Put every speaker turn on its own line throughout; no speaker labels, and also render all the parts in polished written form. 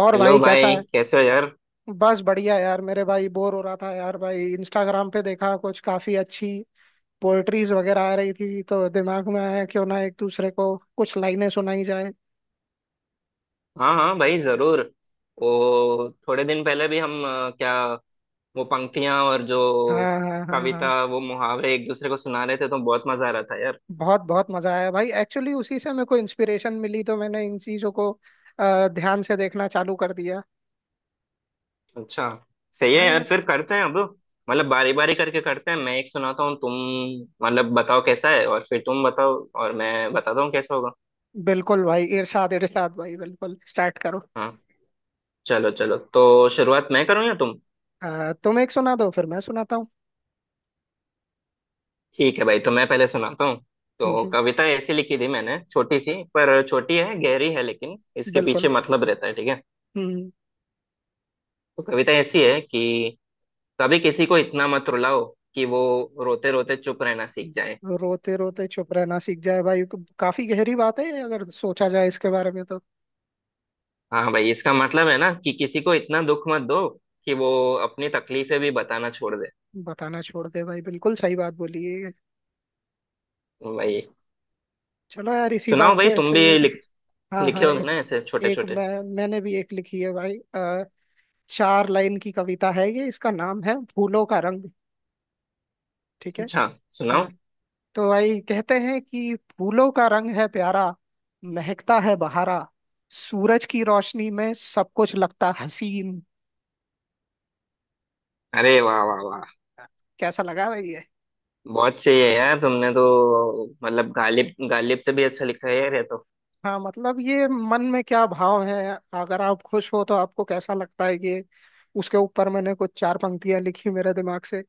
और
हेलो
भाई कैसा
भाई
है।
कैसे हो यार।
बस बढ़िया यार मेरे भाई, बोर हो रहा था यार भाई, इंस्टाग्राम पे देखा कुछ काफी अच्छी पोएट्रीज वगैरह आ रही थी, तो दिमाग में आया क्यों ना एक दूसरे को कुछ लाइनें सुनाई जाए।
हाँ हाँ भाई जरूर। वो थोड़े दिन पहले भी हम क्या वो पंक्तियां और जो
हाँ हाँ हाँ हाँ।
कविता वो मुहावरे एक दूसरे को सुना रहे थे तो बहुत मजा आ रहा था यार।
बहुत बहुत मजा आया भाई, एक्चुअली उसी से मेरे को इंस्पिरेशन मिली, तो मैंने इन चीजों को ध्यान से देखना चालू कर दिया।
अच्छा। सही है
हाँ
यार।
यार।
फिर करते हैं अब मतलब बारी बारी करके करते हैं। मैं एक सुनाता हूँ, तुम मतलब बताओ कैसा है और फिर तुम बताओ और मैं बताता हूँ कैसा होगा।
बिल्कुल भाई, इरशाद इरशाद भाई, बिल्कुल स्टार्ट करो।
हाँ। चलो चलो, तो शुरुआत मैं करूँ या तुम।
तुम एक सुना दो फिर मैं सुनाता हूँ।
ठीक है भाई, तो मैं पहले सुनाता हूँ।
हम्म,
तो
हम्म,
कविता ऐसी लिखी थी मैंने, छोटी सी पर छोटी है गहरी है, लेकिन इसके पीछे
बिल्कुल।
मतलब रहता है, ठीक है।
हम्म।
तो कविता ऐसी है कि कभी किसी को इतना मत रुलाओ कि वो रोते रोते चुप रहना सीख जाए।
रोते रोते चुप रहना सीख जाए भाई। काफी गहरी बात है ये, अगर सोचा जाए इसके बारे में तो।
हाँ भाई, इसका मतलब है ना कि किसी को इतना दुख मत दो कि वो अपनी तकलीफें भी बताना छोड़ दे।
बताना छोड़ दे भाई, बिल्कुल सही बात बोली है ये।
भाई
चलो यार इसी
सुनाओ,
बात
भाई
पे
तुम भी
फिर।
लिख
हाँ
लिखे
हाँ
होगे
ए,
ना ऐसे छोटे
एक
छोटे।
मैं मैंने भी एक लिखी है भाई। चार लाइन की कविता है ये, इसका नाम है फूलों का रंग। ठीक है।
अच्छा।
हाँ।
सुनाओ।
तो भाई कहते हैं कि फूलों का रंग है प्यारा, महकता है बहारा, सूरज की रोशनी में सब कुछ लगता हसीन।
अरे वाह वाह वाह।
कैसा लगा भाई ये?
बहुत सही है यार, तुमने तो मतलब गालिब गालिब से भी अच्छा लिखा है यार ये तो।
हाँ मतलब ये मन में क्या भाव है, अगर आप खुश हो तो आपको कैसा लगता है ये, उसके ऊपर मैंने कुछ चार पंक्तियां लिखी मेरे दिमाग से।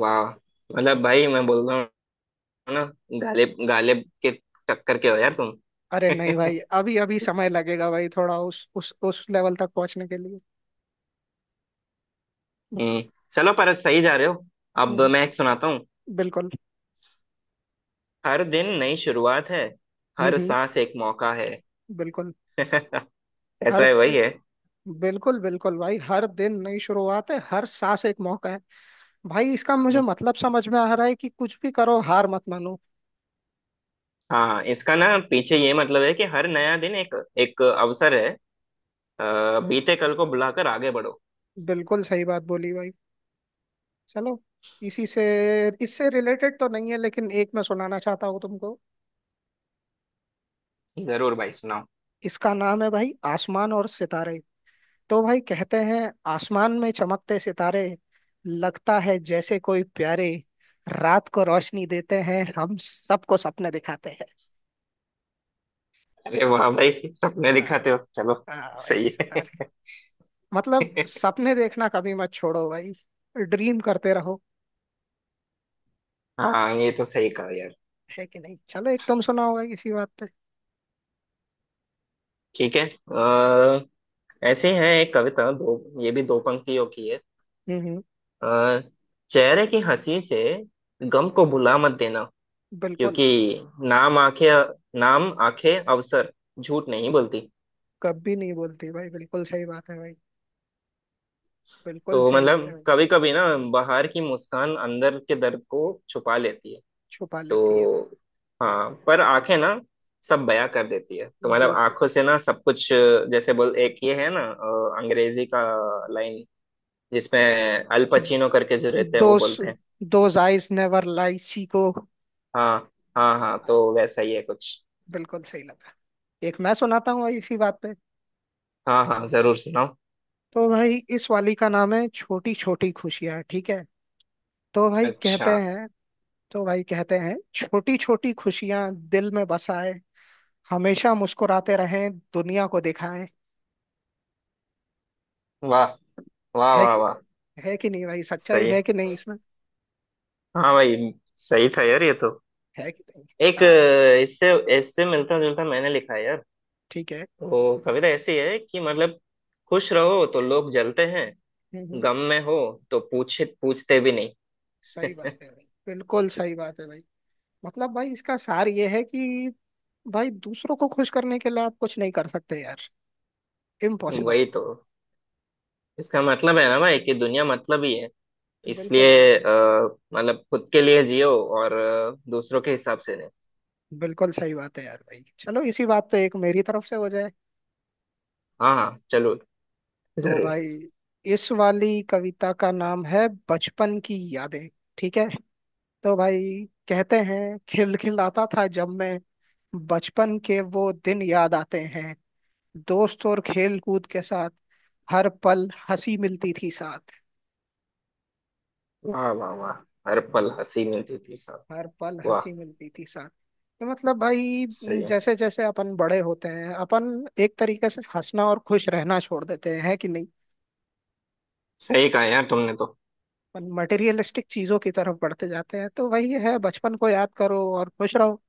वाह। मतलब भाई मैं बोल रहा हूँ ना, गालिब गालिब के टक्कर के हो यार तुम।
अरे नहीं भाई, अभी अभी समय लगेगा भाई थोड़ा उस लेवल तक पहुंचने के लिए।
हम्म। चलो, पर सही जा रहे हो।
हम्म
अब
हम्म,
मैं एक सुनाता हूँ।
बिल्कुल।
हर दिन नई शुरुआत है, हर
हम्म।
सांस एक मौका है।
बिल्कुल। हर
ऐसा है
दि-
वही है।
बिल्कुल बिल्कुल भाई, हर दिन नई शुरुआत है, हर सांस एक मौका है। भाई इसका मुझे
हम्म,
मतलब समझ में आ रहा है कि कुछ भी करो हार मत मानो।
हाँ, इसका ना पीछे ये मतलब है कि हर नया दिन एक एक अवसर है। बीते कल को बुलाकर आगे बढ़ो।
बिल्कुल सही बात बोली भाई। चलो इसी से, इससे रिलेटेड तो नहीं है लेकिन एक मैं सुनाना चाहता हूँ तुमको।
जरूर भाई, सुनाओ।
इसका नाम है भाई आसमान और सितारे। तो भाई कहते हैं, आसमान में चमकते सितारे, लगता है जैसे कोई प्यारे, रात को रोशनी देते हैं हम सबको सपने दिखाते हैं।
अरे वाह भाई, सपने
हाँ।
दिखाते हो, चलो।
हाँ भाई
सही है।
सितारे। मतलब सपने देखना कभी मत छोड़ो भाई, ड्रीम करते रहो।
हाँ ये तो सही कहा यार।
है कि नहीं, चलो एक तुम सुनाओ भाई इसी बात पे।
ठीक है। अ, ऐसे ही है एक कविता दो, ये भी दो पंक्तियों की है।
हम्म हम्म,
अ, चेहरे की हंसी से गम को भुला मत देना,
बिल्कुल।
क्योंकि नाम आंखें नाम आंखें अवसर झूठ नहीं बोलती।
कभी नहीं बोलती भाई, बिल्कुल सही बात है भाई, बिल्कुल
तो
सही बात है
मतलब
भाई।
कभी कभी ना बाहर की मुस्कान अंदर के दर्द को छुपा लेती है।
छुपा लेती है।
तो हाँ, पर आंखें ना सब बयां कर देती है। तो मतलब
बिल्कुल।
आंखों से ना सब कुछ, जैसे बोल एक ये है ना, अंग्रेजी का लाइन जिसमें अल पचीनो करके जो रहते हैं वो
दोस,
बोलते हैं।
दोज आईज नेवर लाई को।
हाँ हाँ हाँ,
हाँ,
तो वैसा ही है कुछ।
बिल्कुल सही लगा। एक मैं सुनाता हूँ भाई इसी बात पे।
हाँ हाँ जरूर सुनाओ।
तो भाई इस वाली का नाम है छोटी छोटी खुशियाँ, ठीक है। तो भाई
अच्छा।
कहते हैं, तो भाई कहते हैं, छोटी छोटी खुशियाँ दिल में बसाए, हमेशा मुस्कुराते रहें दुनिया को दिखाएं।
वाह वाह
है
वाह
कि,
वाह।
है कि नहीं भाई, सच्चाई
सही।
है कि नहीं इसमें।
हाँ भाई, सही था यार ये तो।
है कि नहीं।
एक
हाँ
इससे इससे मिलता जुलता मैंने लिखा है यार।
ठीक है।
वो कविता ऐसी है कि मतलब खुश रहो तो लोग जलते हैं।
हम्म, हम्म,
गम में हो तो पूछे पूछते भी नहीं।
सही बात है भाई, बिल्कुल सही बात है भाई। मतलब भाई इसका सार ये है कि भाई दूसरों को खुश करने के लिए आप कुछ नहीं कर सकते यार, इम्पॉसिबल।
वही तो। इसका मतलब है ना भाई कि दुनिया मतलब ही है,
बिल्कुल
इसलिए
बिल्कुल।
मतलब खुद के लिए जियो और दूसरों के हिसाब से नहीं।
बिल्कुल सही बात है यार भाई, चलो इसी बात पे एक मेरी तरफ से हो जाए।
हाँ हाँ चलो
तो
जरूर।
भाई इस वाली कविता का नाम है बचपन की यादें, ठीक है। तो भाई कहते हैं, खिलखिलाता था जब मैं, बचपन के वो दिन याद आते हैं, दोस्त और खेल कूद के साथ, हर पल हंसी मिलती थी साथ।
वाह वाह वाह। हर पल हंसी मिलती थी साहब।
हर पल
वाह।
हंसी मिलती थी साथ। तो मतलब भाई
सही है।
जैसे जैसे अपन बड़े होते हैं, अपन एक तरीके से हंसना और खुश रहना छोड़ देते हैं, है कि नहीं।
सही कहा यार तुमने तो।
अपन मटेरियलिस्टिक चीजों की तरफ बढ़ते जाते हैं, तो वही है, बचपन को याद करो और खुश रहो।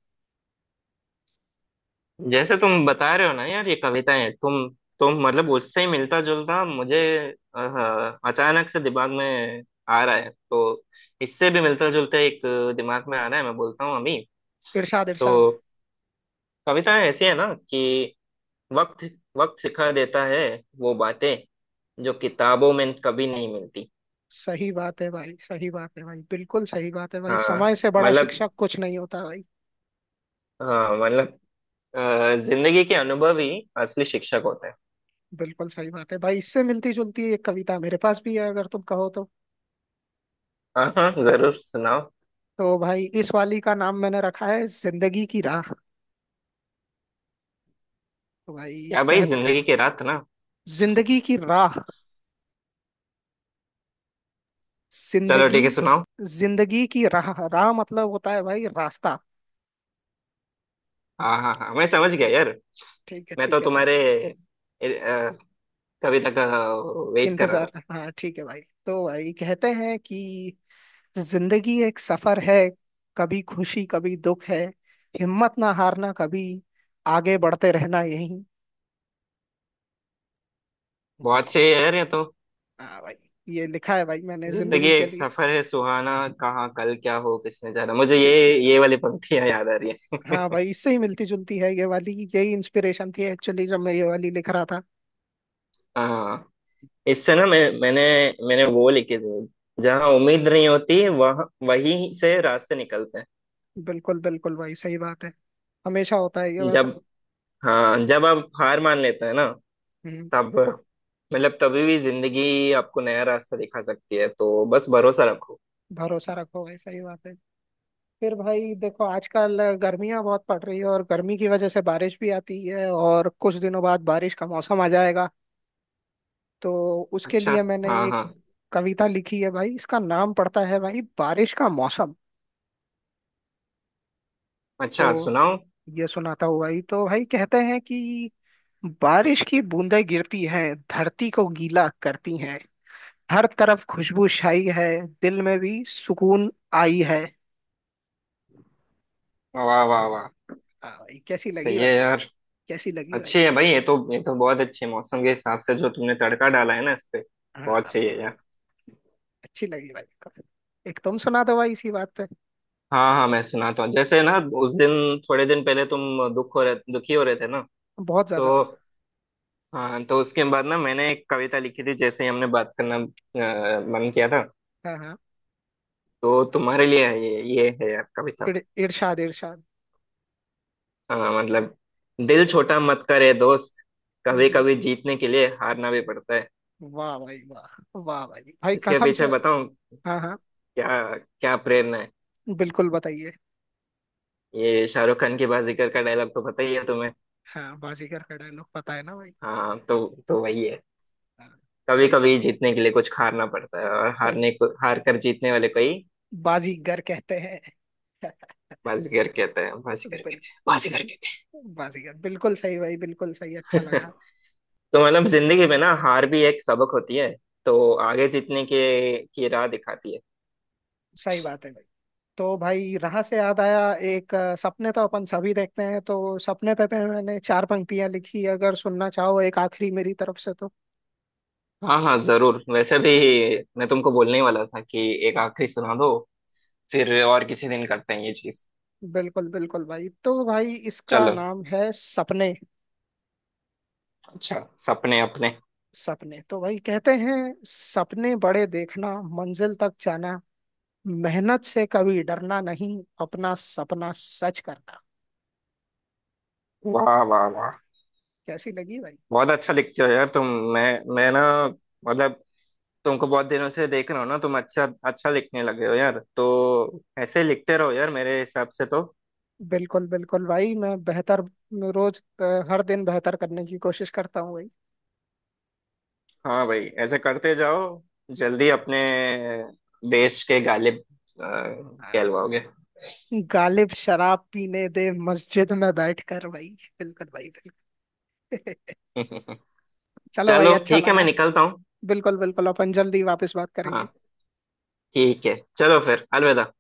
जैसे तुम बता रहे हो ना यार ये कविताएं तुम, मतलब उससे ही मिलता जुलता मुझे अचानक से दिमाग में आ रहा है। तो इससे भी मिलता जुलता एक दिमाग में आ रहा है, मैं बोलता हूँ अभी।
इरशाद इरशाद।
तो कविताएं ऐसी है ना कि वक्त वक्त सिखा देता है वो बातें जो किताबों में कभी नहीं मिलती।
सही बात है भाई, सही बात है भाई, बिल्कुल सही बात है भाई,
हाँ
समय से बड़ा
मतलब,
शिक्षक कुछ नहीं होता भाई।
हाँ मतलब जिंदगी के अनुभव ही असली शिक्षक होते हैं।
बिल्कुल सही बात है भाई, इससे मिलती जुलती एक कविता मेरे पास भी है, अगर तुम कहो तो।
हाँ हाँ जरूर सुनाओ।
तो भाई इस वाली का नाम मैंने रखा है जिंदगी की राह। तो भाई
क्या भाई,
कह,
जिंदगी के रात ना।
जिंदगी की राह,
चलो
जिंदगी,
ठीक है सुनाओ।
जिंदगी की राह, राह मतलब होता है भाई रास्ता।
हाँ हाँ हाँ, मैं समझ गया यार।
ठीक है
मैं तो
ठीक है, तो
तुम्हारे अ, कविता का वेट कर रहा था।
इंतजार, हाँ ठीक है भाई। तो भाई कहते हैं कि, जिंदगी एक सफर है, कभी खुशी कभी दुख है, हिम्मत ना हारना कभी, आगे बढ़ते रहना यही। वाह
बहुत सही
वाह।
है यार ये तो।
हाँ भाई, ये लिखा है भाई मैंने
जिंदगी
जिंदगी के
एक
लिए।
सफर है सुहाना, कहाँ कल क्या हो किसने जाना, मुझे ये
किसने जाना।
वाली पंक्तियां याद आ रही
हाँ भाई इससे ही मिलती जुलती है ये वाली, यही इंस्पिरेशन थी एक्चुअली जब मैं ये वाली लिख रहा था।
है। इससे ना मैंने वो लिखे थे, जहाँ उम्मीद नहीं होती वह वहीं से रास्ते निकलते
बिल्कुल बिल्कुल भाई, सही बात है, हमेशा होता है ये
हैं,
वाला।
जब। हाँ, जब आप हार मान लेते हैं ना,
हम्म।
तब मतलब तभी भी जिंदगी आपको नया रास्ता दिखा सकती है, तो बस भरोसा रखो।
भरोसा रखो भाई, सही बात है। फिर भाई देखो, आजकल गर्मियां बहुत पड़ रही है और गर्मी की वजह से बारिश भी आती है, और कुछ दिनों बाद बारिश का मौसम आ जाएगा, तो उसके
अच्छा।
लिए मैंने
हाँ
एक
हाँ।
कविता लिखी है भाई, इसका नाम पड़ता है भाई बारिश का मौसम।
अच्छा
तो
सुनाओ।
ये सुनाता हूँ भाई। तो भाई कहते हैं कि, बारिश की बूंदें गिरती हैं, धरती को गीला करती हैं, हर तरफ खुशबू छाई है, दिल में भी सुकून आई है।
वाह वाह वाह।
हाँ भाई कैसी लगी
सही है
भाई है।
यार।
कैसी लगी भाई
अच्छी
है।
है भाई ये तो, बहुत अच्छी है, मौसम के हिसाब से जो तुमने तड़का डाला है ना इस पे।
हाँ
बहुत सही है
भाई,
यार।
अच्छी लगी भाई को। एक तुम सुना दो भाई इसी बात पे।
हाँ हाँ मैं सुनाता हूँ। जैसे ना उस दिन, थोड़े दिन पहले तुम दुखी हो रहे थे ना।
बहुत ज्यादा भाई।
तो हाँ, तो उसके बाद ना मैंने एक कविता लिखी थी, जैसे ही हमने बात करना मन किया था।
हाँ हाँ।
तो तुम्हारे लिए है, ये है यार कविता।
इर, इरशाद इरशाद।
मतलब, दिल छोटा मत करे दोस्त,
हम्म,
कभी
हम्म।
कभी जीतने के लिए हारना भी पड़ता है।
वाह भाई वाह वाह भाई भाई,
इसके
कसम से
पीछे
भाई।
बताऊं
हाँ हाँ,
क्या, क्या प्रेरणा है।
बिल्कुल बताइए।
ये शाहरुख खान की बाजीगर का डायलॉग तो पता ही है तुम्हें।
हाँ बाजीगर का डायलॉग पता है ना भाई।
हाँ, तो वही है।
हाँ,
कभी
सही बात।
कभी जीतने के लिए कुछ हारना पड़ता है, और
अ,
हारने को हार कर जीतने वाले को ही
बाजीगर कहते हैं।
बाजीगर कहता है, बाजीगर कहते हैं, बाजीगर कहते
बिल्कुल बाजीगर, बिल्कुल सही भाई, बिल्कुल सही, अच्छा
हैं।
लगा।
तो मतलब जिंदगी में ना हार भी एक सबक होती है। तो आगे जीतने के की राह दिखाती है।
सही बात है। तो भाई राह से याद आया, एक सपने तो अपन सभी देखते हैं, तो सपने पे मैंने चार पंक्तियां लिखी, अगर सुनना चाहो एक आखिरी मेरी तरफ से तो।
हाँ हाँ जरूर, वैसे भी मैं तुमको बोलने ही वाला था कि एक आखिरी सुना दो, फिर और किसी दिन करते हैं ये चीज।
बिल्कुल बिल्कुल भाई, तो भाई इसका
चलो।
नाम है सपने।
अच्छा। सपने अपने।
सपने, तो भाई कहते हैं, सपने बड़े देखना, मंजिल तक जाना, मेहनत से कभी डरना नहीं, अपना सपना सच करना।
वाह वाह वाह।
कैसी लगी भाई।
बहुत अच्छा लिखते हो यार तुम। मैं मैं ना मतलब, तुमको बहुत दिनों से देख रहा हूँ ना, तुम अच्छा अच्छा लिखने लगे हो यार। तो ऐसे ही लिखते रहो यार मेरे हिसाब से तो।
बिल्कुल बिल्कुल भाई, मैं बेहतर, रोज हर दिन बेहतर करने की कोशिश करता हूँ भाई।
हाँ भाई ऐसे करते जाओ, जल्दी अपने देश के गालिब अ, कहलवाओगे।
गालिब शराब पीने दे मस्जिद में बैठ कर भाई, बिल्कुल भाई बिल्कुल। चलो भाई,
चलो
अच्छा
ठीक है, मैं
लगा।
निकलता हूँ।
बिल्कुल बिल्कुल, अपन जल्दी वापस बात करेंगे।
हाँ ठीक है, चलो फिर अलविदा।